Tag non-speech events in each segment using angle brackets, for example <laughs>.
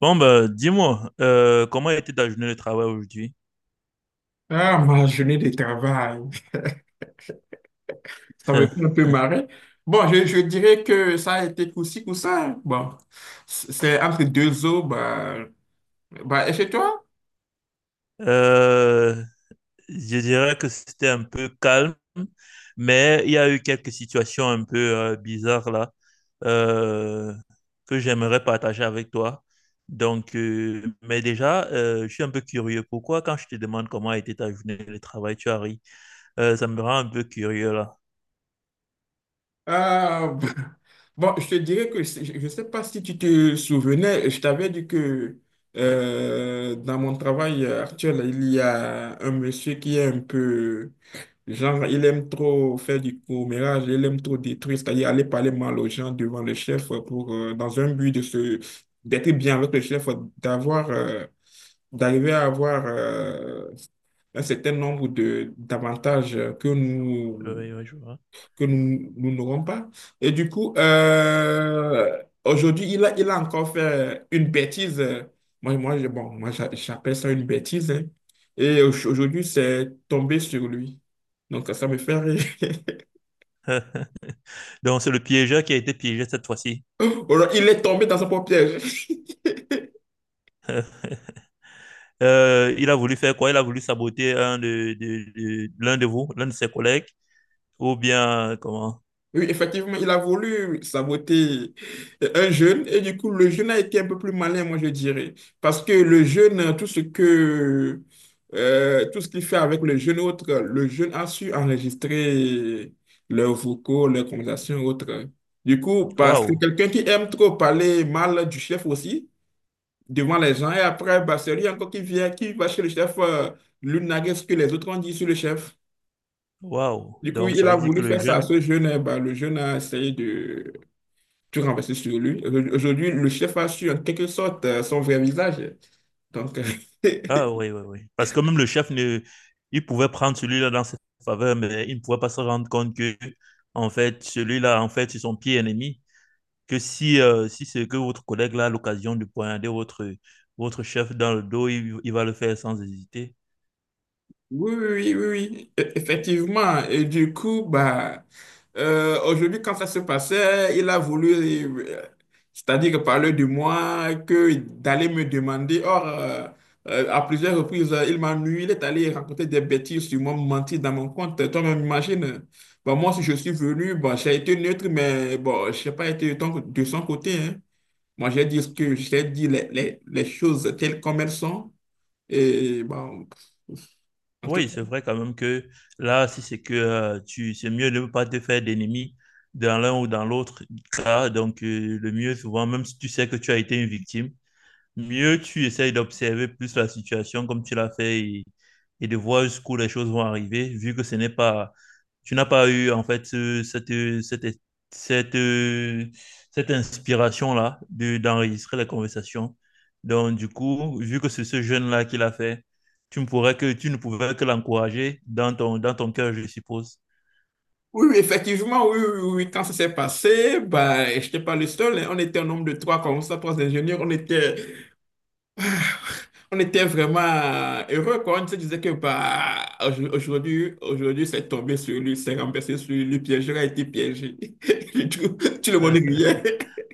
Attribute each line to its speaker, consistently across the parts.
Speaker 1: Bon, bah, dis-moi, comment a été ta journée de travail aujourd'hui?
Speaker 2: Ah, ma journée de travail. <laughs> Ça me fait un
Speaker 1: <laughs>
Speaker 2: peu marrer. Bon, je dirais que ça a été coup-ci, coup-ça. Bon, c'est entre deux eaux. Bah, et chez toi?
Speaker 1: Euh, je dirais que c'était un peu calme, mais il y a eu quelques situations un peu bizarres là euh, que j'aimerais partager avec toi. Donc, mais déjà, je suis un peu curieux. Pourquoi, quand je te demande comment a été ta journée de travail, tu as ri? Ça me rend un peu curieux là.
Speaker 2: Ah, <laughs> bon, je te dirais que je ne sais pas si tu te souvenais, je t'avais dit que dans mon travail actuel, il y a un monsieur qui est un peu genre, il aime trop faire du commérage, il aime trop détruire, c'est-à-dire aller parler mal aux gens devant le chef pour, dans un but d'être bien avec le chef, d'avoir, euh, d'arriver à avoir, un certain nombre de d'avantages que nous
Speaker 1: Ouais, ouais, je vois.
Speaker 2: que nous, nous n'aurons pas. Et du coup, aujourd'hui, il a encore fait une bêtise. Moi, bon, moi, j'appelle ça une bêtise, hein. Et aujourd'hui, c'est tombé sur lui. Donc, ça me fait rire.
Speaker 1: <laughs> Donc, c'est le piégeur qui a été piégé cette fois-ci.
Speaker 2: <laughs> Alors, il est tombé dans son propre piège. <laughs>
Speaker 1: Il a voulu faire quoi? Il a voulu saboter un de- l'un de vous, l'un de ses collègues, ou bien comment?
Speaker 2: Oui, effectivement, il a voulu saboter un jeune et du coup, le jeune a été un peu plus malin, moi je dirais. Parce que le jeune, tout ce qu'il fait avec le jeune autre, le jeune a su enregistrer leurs vocaux, leurs conversations autres. Du coup, bah, c'est
Speaker 1: Waouh,
Speaker 2: quelqu'un qui aime trop parler mal du chef aussi devant les gens et après, bah, c'est lui encore qui vient, qui va chez le chef, lui narguer ce que les autres ont dit sur le chef.
Speaker 1: waouh.
Speaker 2: Du coup,
Speaker 1: Donc
Speaker 2: il
Speaker 1: ça
Speaker 2: a
Speaker 1: veut dire que
Speaker 2: voulu
Speaker 1: le
Speaker 2: faire ça à
Speaker 1: jeune.
Speaker 2: ce jeune. Et bah, le jeune a essayé de tu renverses sur lui. Aujourd'hui, le chef a su en quelque sorte son vrai visage. Donc,
Speaker 1: Ah
Speaker 2: <laughs>
Speaker 1: oui, oui, oui. Parce que même le chef ne, il pouvait prendre celui-là dans ses faveurs, mais il ne pouvait pas se rendre compte que en fait celui-là, en fait, c'est son pied ennemi. Que si, si c'est que votre collègue là a l'occasion de poignarder votre chef dans le dos, il va le faire sans hésiter.
Speaker 2: oui, oui, oui, oui, effectivement. Et du coup, bah, aujourd'hui, quand ça se passait, c'est-à-dire parler de moi, que d'aller me demander. Or, à plusieurs reprises, il m'a nui, il est allé raconter des bêtises sur moi, me mentir dans mon compte. Toi-même, imagine. Bah, moi, si je suis venu, bah, j'ai été neutre, mais bon, je n'ai pas été de son côté, hein. Moi, j'ai dit ce que j'ai dit, les choses telles comme elles sont. Et bon, en tout
Speaker 1: Oui,
Speaker 2: cas,
Speaker 1: c'est vrai quand même que là, si c'est que tu, c'est mieux de ne pas te faire d'ennemis dans l'un ou dans l'autre cas. Donc, le mieux, souvent, même si tu sais que tu as été une victime, mieux tu essayes d'observer plus la situation comme tu l'as fait et, de voir jusqu'où les choses vont arriver, vu que ce n'est pas, tu n'as pas eu en fait cette, cette, cette, cette inspiration-là de, d'enregistrer la conversation. Donc, du coup, vu que c'est ce jeune-là qui l'a fait, tu ne pouvais que l'encourager dans ton cœur, je suppose.
Speaker 2: oui, oui, effectivement, oui, oui, oui, oui, quand ça s'est passé, bah, je n'étais pas le seul, hein. On était un nombre de trois comme ça, trois ingénieurs. On était, <sighs> on était vraiment heureux quoi. On se disait que bah, aujourd'hui, c'est tombé sur lui, c'est renversé sur lui, le piégeur a été piégé. <laughs> Du Tout le monde
Speaker 1: <laughs>
Speaker 2: riait. <laughs>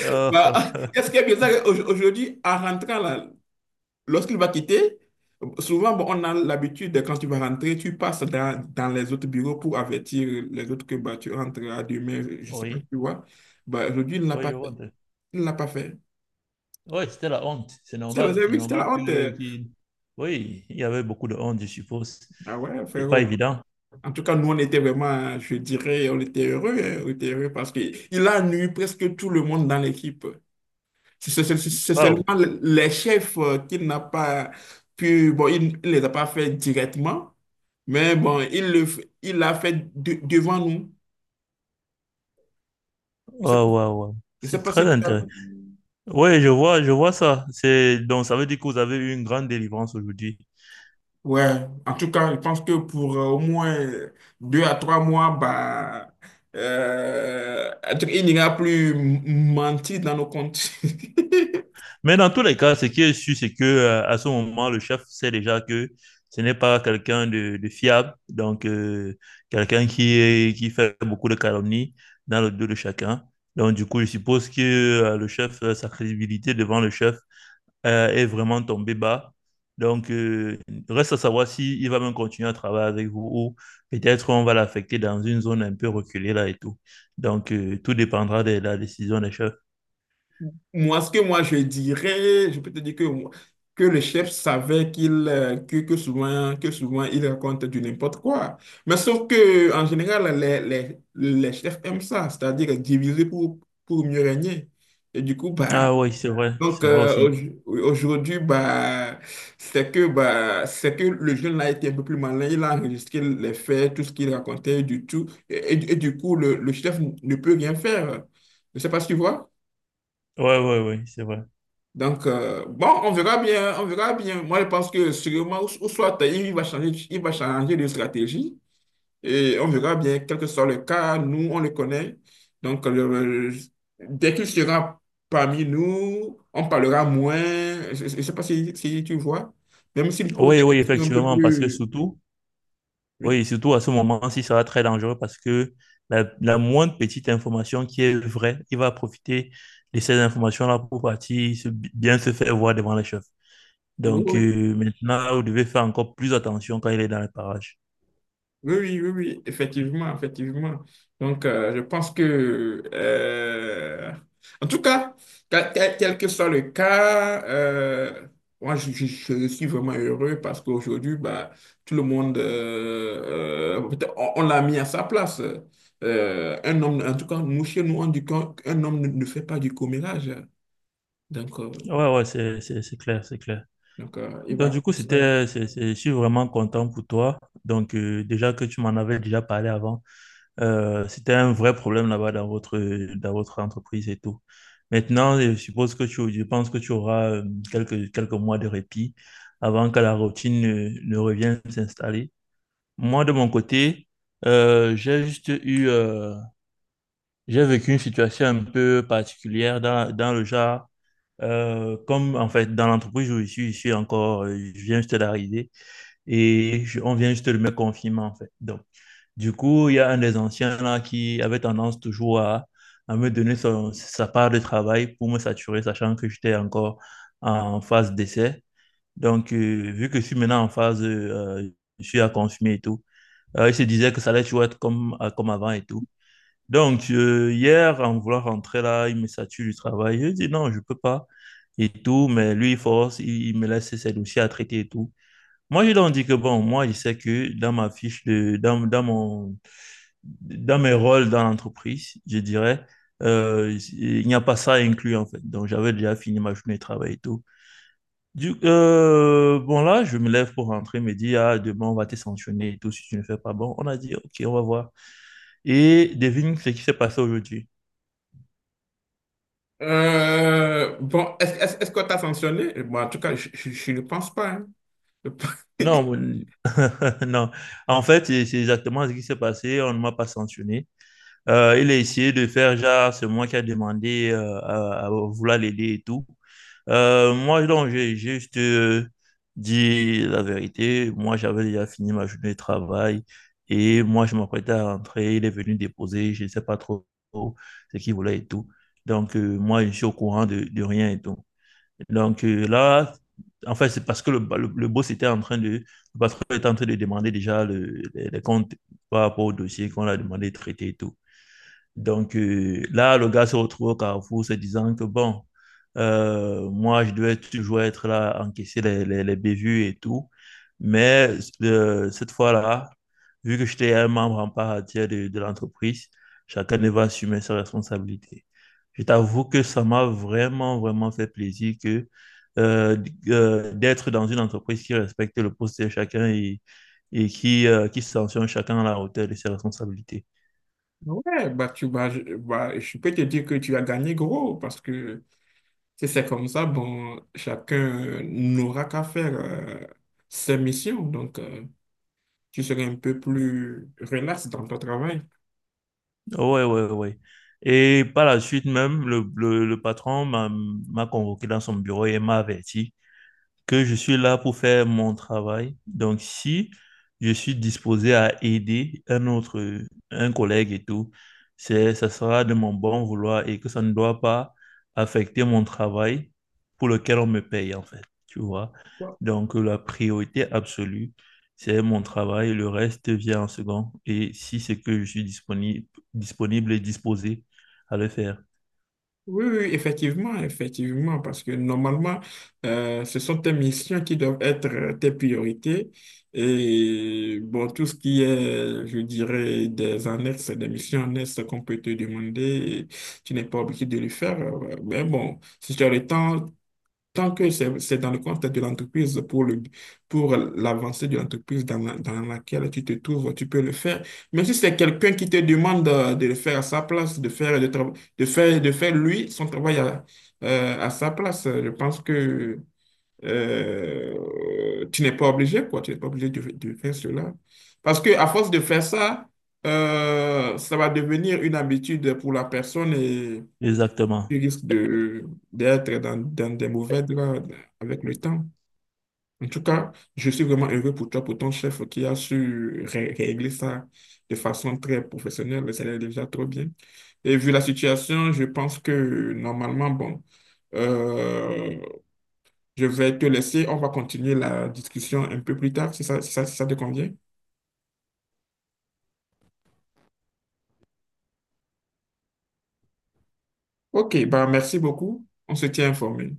Speaker 1: Euh,
Speaker 2: Bah, est-ce
Speaker 1: <laughs>
Speaker 2: qu'il y a bizarre, aujourd'hui, en rentrant là, lorsqu'il va quitter, souvent, bon, on a l'habitude, de, quand tu vas rentrer, tu passes dans, dans les autres bureaux pour avertir les autres que bah, tu rentres à demain, je ne sais pas,
Speaker 1: oui,
Speaker 2: tu vois. Bah, aujourd'hui, il ne l'a
Speaker 1: oui,
Speaker 2: pas
Speaker 1: je
Speaker 2: fait.
Speaker 1: vois.
Speaker 2: Il ne l'a pas fait.
Speaker 1: Ouais, c'était la honte. C'est
Speaker 2: C'était
Speaker 1: normal.
Speaker 2: la, oui, c'était la honte.
Speaker 1: Oui, il y avait beaucoup de honte, je suppose.
Speaker 2: Ah ouais,
Speaker 1: C'est pas
Speaker 2: frérot.
Speaker 1: évident.
Speaker 2: En tout cas, nous, on était vraiment, je dirais, on était heureux, hein, on était heureux parce qu'il a nui presque tout le monde dans l'équipe. C'est
Speaker 1: Waouh.
Speaker 2: seulement les chefs qu'il n'a pas pu, bon, il ne les a pas fait directement. Mais bon, il l'a fait devant nous. Je sais,
Speaker 1: Waouh, waouh, waouh.
Speaker 2: je sais
Speaker 1: C'est
Speaker 2: pas si
Speaker 1: très
Speaker 2: tu as-
Speaker 1: intéressant. Oui, je vois ça. C'est, donc, ça veut dire que vous avez eu une grande délivrance aujourd'hui.
Speaker 2: Ouais, en tout cas, je pense que pour au moins 2 à 3 mois, bah, euh, il n'ira plus mentir dans nos comptes. <laughs>
Speaker 1: Mais dans tous les cas, ce qui est sûr, c'est que, à ce moment, le chef sait déjà que ce n'est pas quelqu'un de fiable. Donc, quelqu'un qui est, qui fait beaucoup de calomnies dans le dos de chacun. Donc, du coup, je suppose que, le chef, sa crédibilité devant le chef, est vraiment tombé bas. Donc, reste à savoir s'il va même continuer à travailler avec vous ou peut-être on va l'affecter dans une zone un peu reculée là et tout. Donc, tout dépendra de la décision des chefs.
Speaker 2: Moi, ce que moi je dirais, je peux te dire que, que le chef savait qu'il que souvent il raconte du n'importe quoi. Mais sauf que en général les chefs aiment ça, c'est-à-dire diviser pour, mieux régner. Et du coup bah
Speaker 1: Ah oui,
Speaker 2: donc
Speaker 1: c'est vrai aussi.
Speaker 2: aujourd'hui bah c'est que le jeune là été un peu plus malin, il a enregistré les faits, tout ce qu'il racontait du tout et du coup le chef ne peut rien faire. Je ne sais pas si tu vois.
Speaker 1: Oui, oui, oui, c'est vrai.
Speaker 2: Donc, bon, on verra bien, on verra bien. Moi, je pense que sûrement, ou soit il va changer de stratégie et on verra bien, quel que soit le cas, nous, on le connaît. Donc, dès qu'il sera parmi nous, on parlera moins. Je ne sais pas si tu vois, même s'il pose
Speaker 1: Oui,
Speaker 2: des
Speaker 1: oui,
Speaker 2: questions un peu
Speaker 1: effectivement, parce que
Speaker 2: plus.
Speaker 1: surtout,
Speaker 2: Oui,
Speaker 1: oui, surtout à ce moment-ci, ça va être très dangereux parce que la moindre petite information qui est vraie, il va profiter de ces informations-là pour partir bien se faire voir devant les chefs.
Speaker 2: oui,
Speaker 1: Donc
Speaker 2: oui.
Speaker 1: maintenant, vous devez faire encore plus attention quand il est dans les parages.
Speaker 2: Oui, oui, oui, oui, effectivement, effectivement. Donc, je pense que, en tout cas, quel que soit le cas, moi, je suis vraiment heureux parce qu'aujourd'hui, bah, tout le monde, peut-être on l'a mis à sa place. Un homme, en tout cas, nous, chez nous, on dit qu'un homme ne fait pas du commérage. Donc, euh,
Speaker 1: Ouais, ouais, c'est clair, c'est clair.
Speaker 2: donc il
Speaker 1: Donc
Speaker 2: va
Speaker 1: du coup,
Speaker 2: plus,
Speaker 1: je suis vraiment content pour toi. Donc déjà que tu m'en avais déjà parlé avant, c'était un vrai problème là-bas dans votre entreprise et tout. Maintenant, je pense que tu auras quelques, quelques mois de répit avant que la routine ne, ne revienne s'installer. Moi, de mon côté, j'ai juste eu... j'ai vécu une situation un peu particulière dans, dans le genre, comme en fait dans l'entreprise où je suis encore, je viens juste d'arriver et on vient juste de me confirmer en fait. Donc, du coup, il y a un des anciens là qui avait tendance toujours à me donner sa part de travail pour me saturer, sachant que j'étais encore en phase d'essai. Donc, vu que je suis maintenant en phase, je suis à confirmer et tout, il se disait que ça allait toujours être comme, comme avant et tout. Donc, hier, en voulant rentrer là, il me sature du travail. Je dis non, je peux pas et tout, mais lui, il force, il me laisse ses dossiers à traiter et tout. Moi, je leur dis que bon, moi, je sais que dans ma fiche de, dans, dans mon, dans mes rôles dans l'entreprise, je dirais, il n'y a pas ça inclus, en fait. Donc, j'avais déjà fini ma journée de travail et tout. Bon, là, je me lève pour rentrer, il me dit, ah, demain, on va te sanctionner et tout si tu ne fais pas bon. On a dit, OK, on va voir. Et devine ce qui s'est passé aujourd'hui.
Speaker 2: Bon, est-ce qu'on t'a sanctionné? Bon, en tout cas, je ne pense pas, hein. <laughs>
Speaker 1: Non, <laughs> non. En fait, c'est exactement ce qui s'est passé. On ne m'a pas sanctionné. Il a essayé de faire genre, c'est moi qui a demandé à vouloir l'aider et tout. Moi, donc, j'ai juste dit la vérité. Moi, j'avais déjà fini ma journée de travail et moi, je m'apprêtais à rentrer. Il est venu déposer, je ne sais pas trop ce qu'il voulait et tout. Donc, moi, je suis au courant de rien et tout. Donc là, en fait, c'est parce que le boss était en train de, le patron était en train de demander déjà les comptes par rapport au dossier qu'on a demandé de traiter et tout. Donc là, le gars se retrouve au carrefour se disant que bon, moi, je devais toujours être là, encaisser les bévues et tout. Mais cette fois-là, vu que j'étais un membre en part entière de l'entreprise, chacun devait assumer ses responsabilités. Je t'avoue que ça m'a vraiment, vraiment fait plaisir que euh, d'être dans une entreprise qui respecte le poste de chacun et qui sanctionne chacun à la hauteur de ses responsabilités.
Speaker 2: Ouais, bah, je peux te dire que tu as gagné gros parce que si c'est comme ça, bon, chacun n'aura qu'à faire ses missions. Donc, tu seras un peu plus relax dans ton travail.
Speaker 1: Ouais, ouais, ouais. Ouais. Et par la suite même, le patron m'a convoqué dans son bureau et m'a averti. Que je suis là pour faire mon travail. Donc, si je suis disposé à aider un autre, un collègue et tout, ça sera de mon bon vouloir et que ça ne doit pas affecter mon travail pour lequel on me paye, en fait. Tu vois? Donc, la priorité absolue, c'est mon travail. Le reste vient en second. Et si c'est que je suis disponible, disponible et disposé à le faire.
Speaker 2: Oui, oui, effectivement, effectivement, parce que normalement, ce sont tes missions qui doivent être tes priorités. Et bon, tout ce qui est, je dirais, des annexes, des missions annexes qu'on peut te demander, tu n'es pas obligé de le faire. Mais bon, si tu as le temps, tant que c'est dans le contexte de l'entreprise, pour pour l'avancée de l'entreprise dans laquelle tu te trouves, tu peux le faire. Mais si c'est quelqu'un qui te demande de le faire à sa place, de faire lui son travail à sa place, je pense que tu n'es pas obligé, quoi. Tu n'es pas obligé de faire cela. Parce que à force de faire ça, ça va devenir une habitude pour la personne et
Speaker 1: Exactement.
Speaker 2: tu risques d'être dans des mauvais draps avec le temps. En tout cas, je suis vraiment heureux pour toi, pour ton chef qui a su régler ça de façon très professionnelle. Ça allait déjà trop bien. Et vu la situation, je pense que normalement, bon, euh, je vais te laisser. On va continuer la discussion un peu plus tard, si ça te convient. Ok, bah merci beaucoup. On se tient informé.